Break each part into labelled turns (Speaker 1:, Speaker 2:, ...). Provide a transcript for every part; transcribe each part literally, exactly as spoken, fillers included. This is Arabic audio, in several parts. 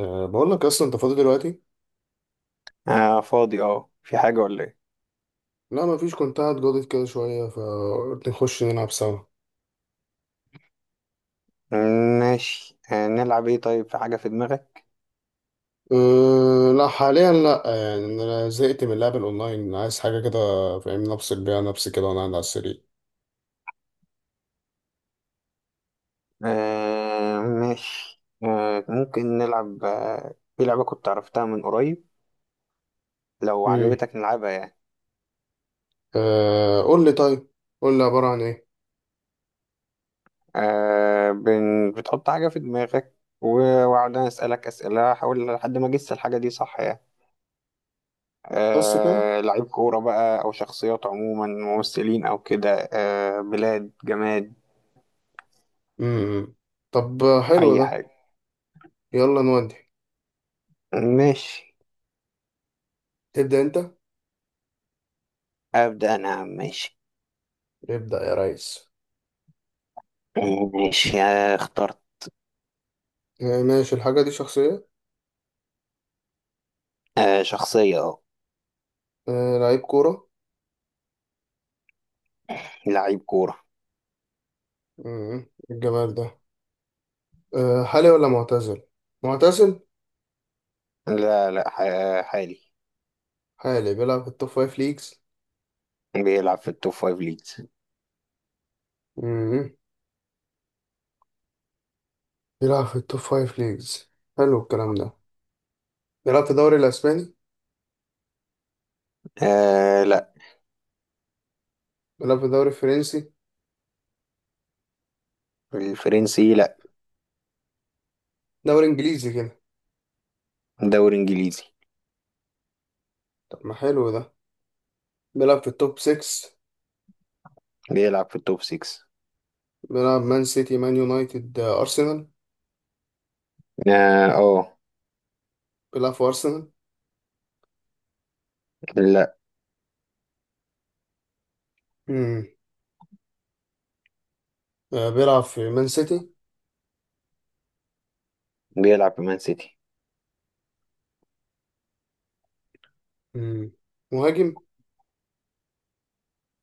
Speaker 1: أه بقول لك اصلا انت فاضي دلوقتي.
Speaker 2: آه، فاضي. اه في حاجة ولا ايه؟
Speaker 1: لا، ما فيش، كنت قاعد جاضد كده شويه فقلت نخش نلعب سوا.
Speaker 2: ماشي، آه نلعب ايه؟ طيب، في حاجة في دماغك؟
Speaker 1: أه لا حاليا، لا يعني انا زهقت من اللعب الاونلاين، عايز حاجه كده فاهم، نفصل بيها نفسي كده وانا قاعد على السرير.
Speaker 2: آه ماشي، آه ممكن نلعب آه في لعبة كنت عرفتها من قريب، لو
Speaker 1: امم.
Speaker 2: عجبتك نلعبها يعني.
Speaker 1: أه قول لي طيب، قول لي عباره عن ايه؟
Speaker 2: آه بن... بتحط حاجة في دماغك، و- وأقعد أنا أسألك أسئلة، أحاول لحد ما أجس الحاجة دي، صح يعني.
Speaker 1: بس كده.
Speaker 2: آه، لعيب كورة بقى، أو شخصيات عموما، ممثلين أو كده، آه بلاد، جماد،
Speaker 1: امم. طب حلو
Speaker 2: أي
Speaker 1: ده.
Speaker 2: حاجة.
Speaker 1: يلا نودي.
Speaker 2: ماشي،
Speaker 1: تبدا انت.
Speaker 2: أبدأ أنا يا عم، ماشي.
Speaker 1: ابدا يا ريس.
Speaker 2: ماشي آه، اخترت.
Speaker 1: أه ماشي، الحاجه دي شخصيه.
Speaker 2: آه، شخصية، اه.
Speaker 1: أه لعيب كوره.
Speaker 2: لعيب كورة.
Speaker 1: امم الجمال ده. أه حالي ولا معتزل؟ معتزل.
Speaker 2: لا لا، ح- حالي.
Speaker 1: حالي بيلعب في التوب فايف ليجز.
Speaker 2: بيلعب في التوب فايف ليجز.
Speaker 1: مم. بيلعب في التوب فايف ليجز. حلو الكلام ده. بيلعب في الدوري الأسباني.
Speaker 2: آه، لا.
Speaker 1: بيلعب في الدوري الفرنسي.
Speaker 2: الفرنسي، لا.
Speaker 1: دوري إنجليزي كده.
Speaker 2: دوري انجليزي.
Speaker 1: طب ما حلو ده. بيلعب في التوب ستة.
Speaker 2: بيلعب في التوب ستة.
Speaker 1: بيلعب مان سيتي مان يونايتد، آه، أرسنال.
Speaker 2: اه، آه،
Speaker 1: بيلعب في أرسنال.
Speaker 2: لا.
Speaker 1: مم. آه، بيلعب في مان سيتي.
Speaker 2: بيلعب في مان سيتي.
Speaker 1: مم. مهاجم.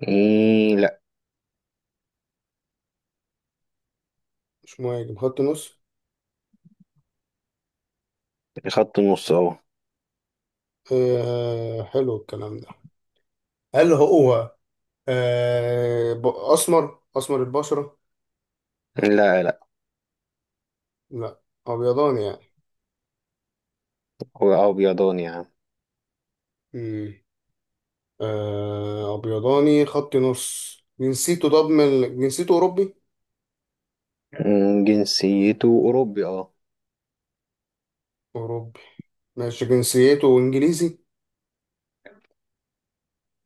Speaker 2: مم، لا.
Speaker 1: مش مهاجم، خط نص.
Speaker 2: خط النص، اه.
Speaker 1: آه حلو الكلام ده. هل هو آه ب- أسمر أسمر البشرة؟
Speaker 2: لا، لا.
Speaker 1: لا. أبيضاني يعني.
Speaker 2: هو ابيضاني يا عم.
Speaker 1: مم. آه، أبيضاني خط نص، جنسيته، طب من ال- جنسيته أوروبي؟
Speaker 2: مم، جنسيته اوروبي، اه.
Speaker 1: أوروبي. ماشي، جنسيته إنجليزي.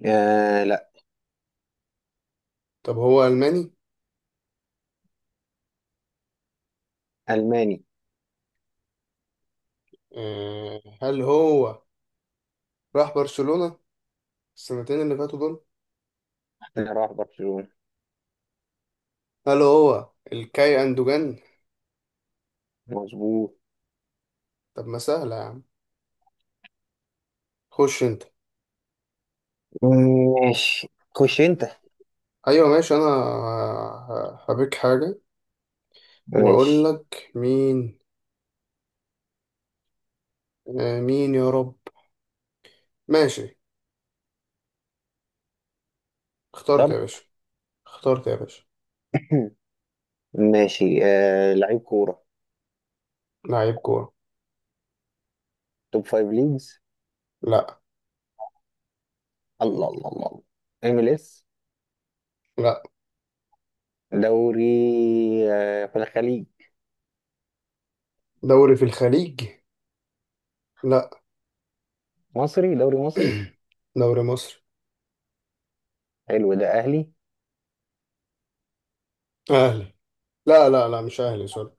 Speaker 2: آه، لا.
Speaker 1: طب هو ألماني؟
Speaker 2: الماني.
Speaker 1: آه، هل هو راح برشلونة السنتين اللي فاتوا دول؟
Speaker 2: راح برشلونة.
Speaker 1: هل هو الكاي أندوجان؟
Speaker 2: مظبوط.
Speaker 1: طب ما سهلة يا عم. خش أنت.
Speaker 2: مم، ماشي. خش انت.
Speaker 1: أيوة، ماشي، أنا ه- هبيك حاجة وأقول
Speaker 2: ماشي.
Speaker 1: لك مين. آه، مين يا رب. ماشي، اخترت يا
Speaker 2: اخترت.
Speaker 1: باشا. اخترت يا باشا.
Speaker 2: ماشي، آه لعيب كورة.
Speaker 1: لعيب كورة.
Speaker 2: توب فايف ليجز.
Speaker 1: لا.
Speaker 2: الله الله الله الله. ام ال اس.
Speaker 1: لا،
Speaker 2: دوري. آه في الخليج؟
Speaker 1: دوري في الخليج. لا.
Speaker 2: مصري، دوري مصري.
Speaker 1: دوري مصر.
Speaker 2: حلو ده، اهلي؟
Speaker 1: اهلي. لا لا لا، مش اهلي، سوري.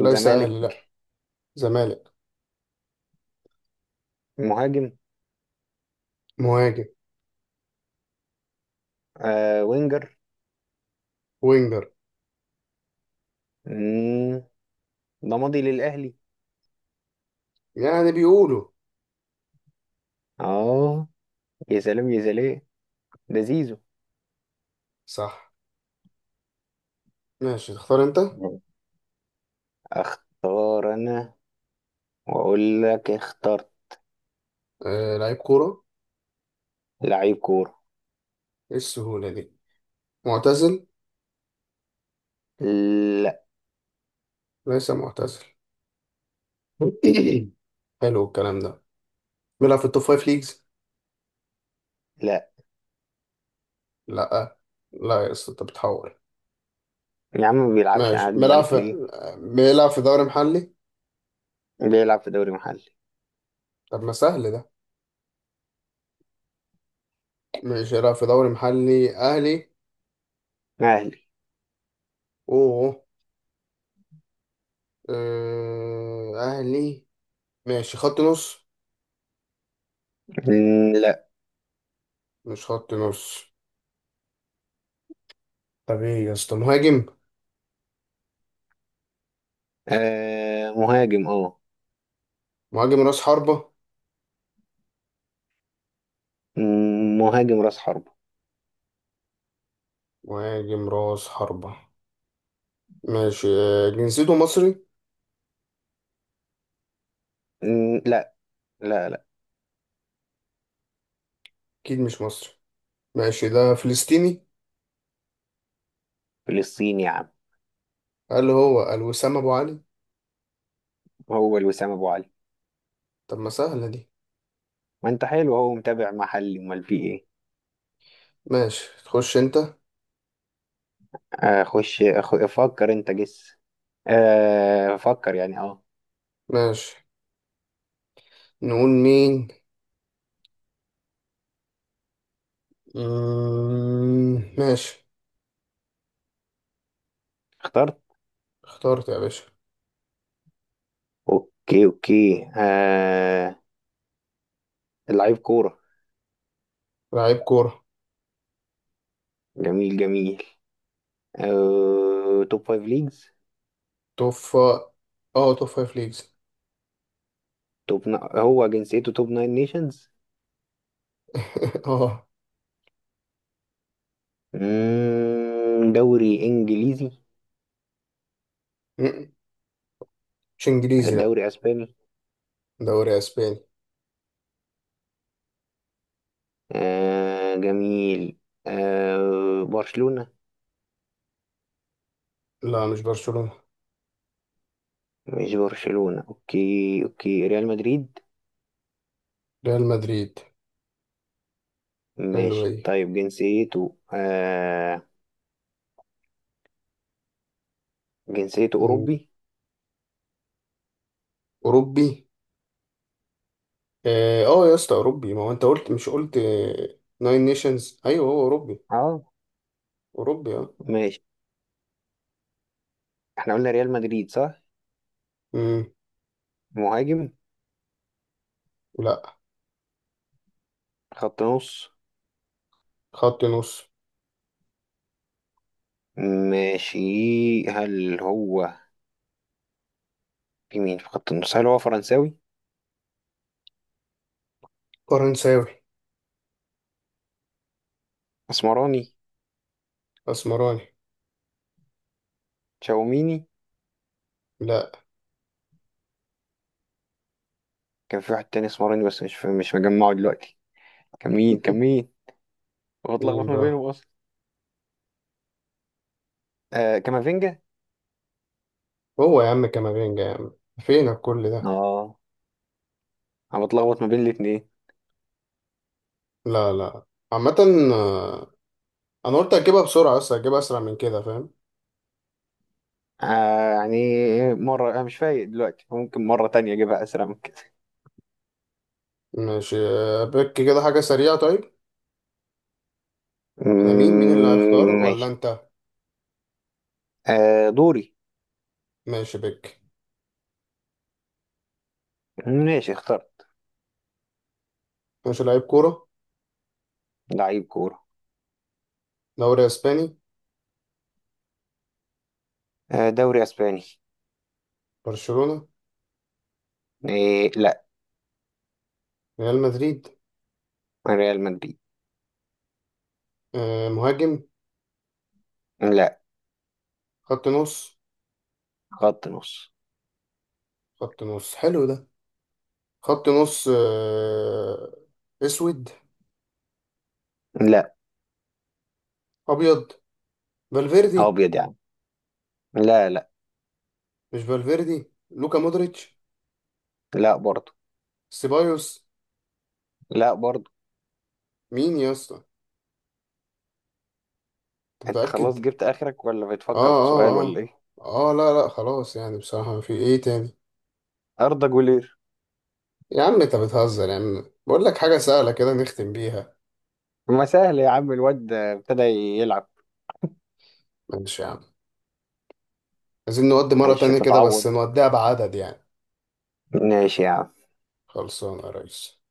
Speaker 1: ليس اهلي،
Speaker 2: زمالك.
Speaker 1: لا. زمالك.
Speaker 2: مهاجم.
Speaker 1: مهاجم.
Speaker 2: آه وينجر.
Speaker 1: وينجر.
Speaker 2: مم، ده ماضي للاهلي.
Speaker 1: يعني بيقولوا.
Speaker 2: اه. يا سلام، يا سلام. ده زيزو.
Speaker 1: صح. ماشي، تختار انت.
Speaker 2: اختار انا، واقول لك اخترت.
Speaker 1: آه لعيب كورة.
Speaker 2: لعيب كورة.
Speaker 1: ايه السهولة دي؟ معتزل.
Speaker 2: لا.
Speaker 1: ليس معتزل. حلو الكلام ده. بيلعب في التوب فايف ليجز.
Speaker 2: لا
Speaker 1: لا. لا يا اسطى انت بتحور.
Speaker 2: يا عم، ما بيلعبش،
Speaker 1: ماشي،
Speaker 2: انا هكدب
Speaker 1: بيلعب
Speaker 2: عليك
Speaker 1: في
Speaker 2: ليه؟
Speaker 1: بيلعب في دوري محلي.
Speaker 2: بيلعب في دوري محلي.
Speaker 1: طب ما سهل ده. ماشي، بيلعب في دوري محلي اهلي.
Speaker 2: اهلي.
Speaker 1: اوه. آه، اهلي. ماشي، خط نص.
Speaker 2: مم، لا.
Speaker 1: مش خط نص. طب ايه يا اسطى، مهاجم؟
Speaker 2: آه مهاجم، اه.
Speaker 1: مهاجم راس حربة.
Speaker 2: مم، مهاجم راس حربة.
Speaker 1: مهاجم راس حربة. ماشي، آه، جنسيته مصري.
Speaker 2: مم، لا. لا لا.
Speaker 1: اكيد مش مصري. ماشي، ده فلسطيني.
Speaker 2: فلسطيني يا عم.
Speaker 1: قال هو الوسام ابو علي.
Speaker 2: هو الوسام ابو علي.
Speaker 1: طب ما سهلة دي.
Speaker 2: ما انت حلو، هو متابع محلي، امال في ايه؟
Speaker 1: ماشي، تخش انت.
Speaker 2: آه خش، أخ... فكر انت، جس. آه فكر يعني، اه.
Speaker 1: ماشي، نقول مين. مم، ماشي.
Speaker 2: اخترت.
Speaker 1: اخترت يا باشا.
Speaker 2: اوكي اوكي، آه. لعيب كورة.
Speaker 1: لعيب كورة.
Speaker 2: جميل، جميل. آه توب فايف ليجز.
Speaker 1: توفى. اه توب فايف ليجز.
Speaker 2: توب ن... هو جنسيته توب ناين نيشنز.
Speaker 1: اه.
Speaker 2: مم، دوري انجليزي.
Speaker 1: م- مش انجليزي، لا.
Speaker 2: دوري اسباني.
Speaker 1: دوري اسباني.
Speaker 2: آه، جميل. آه برشلونة.
Speaker 1: لا، مش برشلونة.
Speaker 2: مش برشلونة، اوكي اوكي، ريال مدريد.
Speaker 1: ريال مدريد. حلو
Speaker 2: ماشي،
Speaker 1: ايه.
Speaker 2: طيب جنسيته آه. جنسيته اوروبي،
Speaker 1: اوروبي اه. آه يا اسطى اوروبي، ما هو انت قلت، مش قلت ناين نيشنز؟ ايوه هو اوروبي.
Speaker 2: اه.
Speaker 1: اوروبي اه.
Speaker 2: ماشي. احنا قلنا ريال مدريد، صح؟
Speaker 1: مم.
Speaker 2: مهاجم.
Speaker 1: لا.
Speaker 2: خط نص.
Speaker 1: خط نص.
Speaker 2: ماشي. هل هو في مين في خط النص؟ هل هو فرنساوي؟
Speaker 1: فرنساوي.
Speaker 2: اسمراني؟
Speaker 1: اسمراني.
Speaker 2: تشاوميني؟
Speaker 1: لا.
Speaker 2: كان في واحد تاني اسمراني بس مش مش مجمعه دلوقتي. كان مين، كان مين؟ بتلخبط
Speaker 1: مين
Speaker 2: ما
Speaker 1: بقى؟
Speaker 2: بينهم اصلا. آه كامافينجا.
Speaker 1: هو يا عم كامافينجا يا عم. فينك كل ده؟
Speaker 2: اه. انا بتلخبط ما بين الاتنين.
Speaker 1: لا لا. عامة، آه، انا قلت اجيبها بسرعة بس اجيبها اسرع من كده فاهم.
Speaker 2: آه يعني مرة، انا مش فايق دلوقتي، ممكن مرة تانية اجيبها اسرع من كده.
Speaker 1: ماشي، آه، بك كده حاجة سريعة طيب. احنا مين مين اللي
Speaker 2: مم،
Speaker 1: هيختار ولا
Speaker 2: ماشي.
Speaker 1: انت؟
Speaker 2: آه دوري.
Speaker 1: ماشي بك.
Speaker 2: ماشي، اخترت.
Speaker 1: ماشي، لعيب كورة.
Speaker 2: لعيب كورة.
Speaker 1: دوري اسباني.
Speaker 2: آه دوري اسباني.
Speaker 1: برشلونة.
Speaker 2: إيه، لا.
Speaker 1: ريال مدريد.
Speaker 2: ريال مدريد.
Speaker 1: آه مهاجم.
Speaker 2: لا.
Speaker 1: خط نص.
Speaker 2: خط نص.
Speaker 1: خط نص حلو ده. خط نص. آه اسود.
Speaker 2: لا.
Speaker 1: ابيض. فالفيردي.
Speaker 2: ابيض يعني؟ لا، لا.
Speaker 1: مش فالفيردي، لوكا مودريتش.
Speaker 2: لا برضه.
Speaker 1: سيبايوس.
Speaker 2: لا برضه.
Speaker 1: مين يا اسطى؟ انت
Speaker 2: انت
Speaker 1: متأكد؟
Speaker 2: خلاص جبت اخرك ولا
Speaker 1: اه
Speaker 2: بتفكر في سؤال
Speaker 1: اه
Speaker 2: ولا
Speaker 1: اه.
Speaker 2: ايه؟
Speaker 1: اه، لا لا خلاص يعني، بصراحة في ايه تاني؟
Speaker 2: اردا جولير.
Speaker 1: يا عم انت بتهزر، يا عم بقول لك حاجة سهلة كده نختم بيها.
Speaker 2: ما سهل يا عم، الواد ابتدى يلعب.
Speaker 1: ماشي يا عم. عايزين نودي مرة
Speaker 2: معلش،
Speaker 1: تانية كده، بس
Speaker 2: تتعوض.
Speaker 1: نوديها بعدد يعني.
Speaker 2: ماشي يا عم.
Speaker 1: خلصانة يا ريس.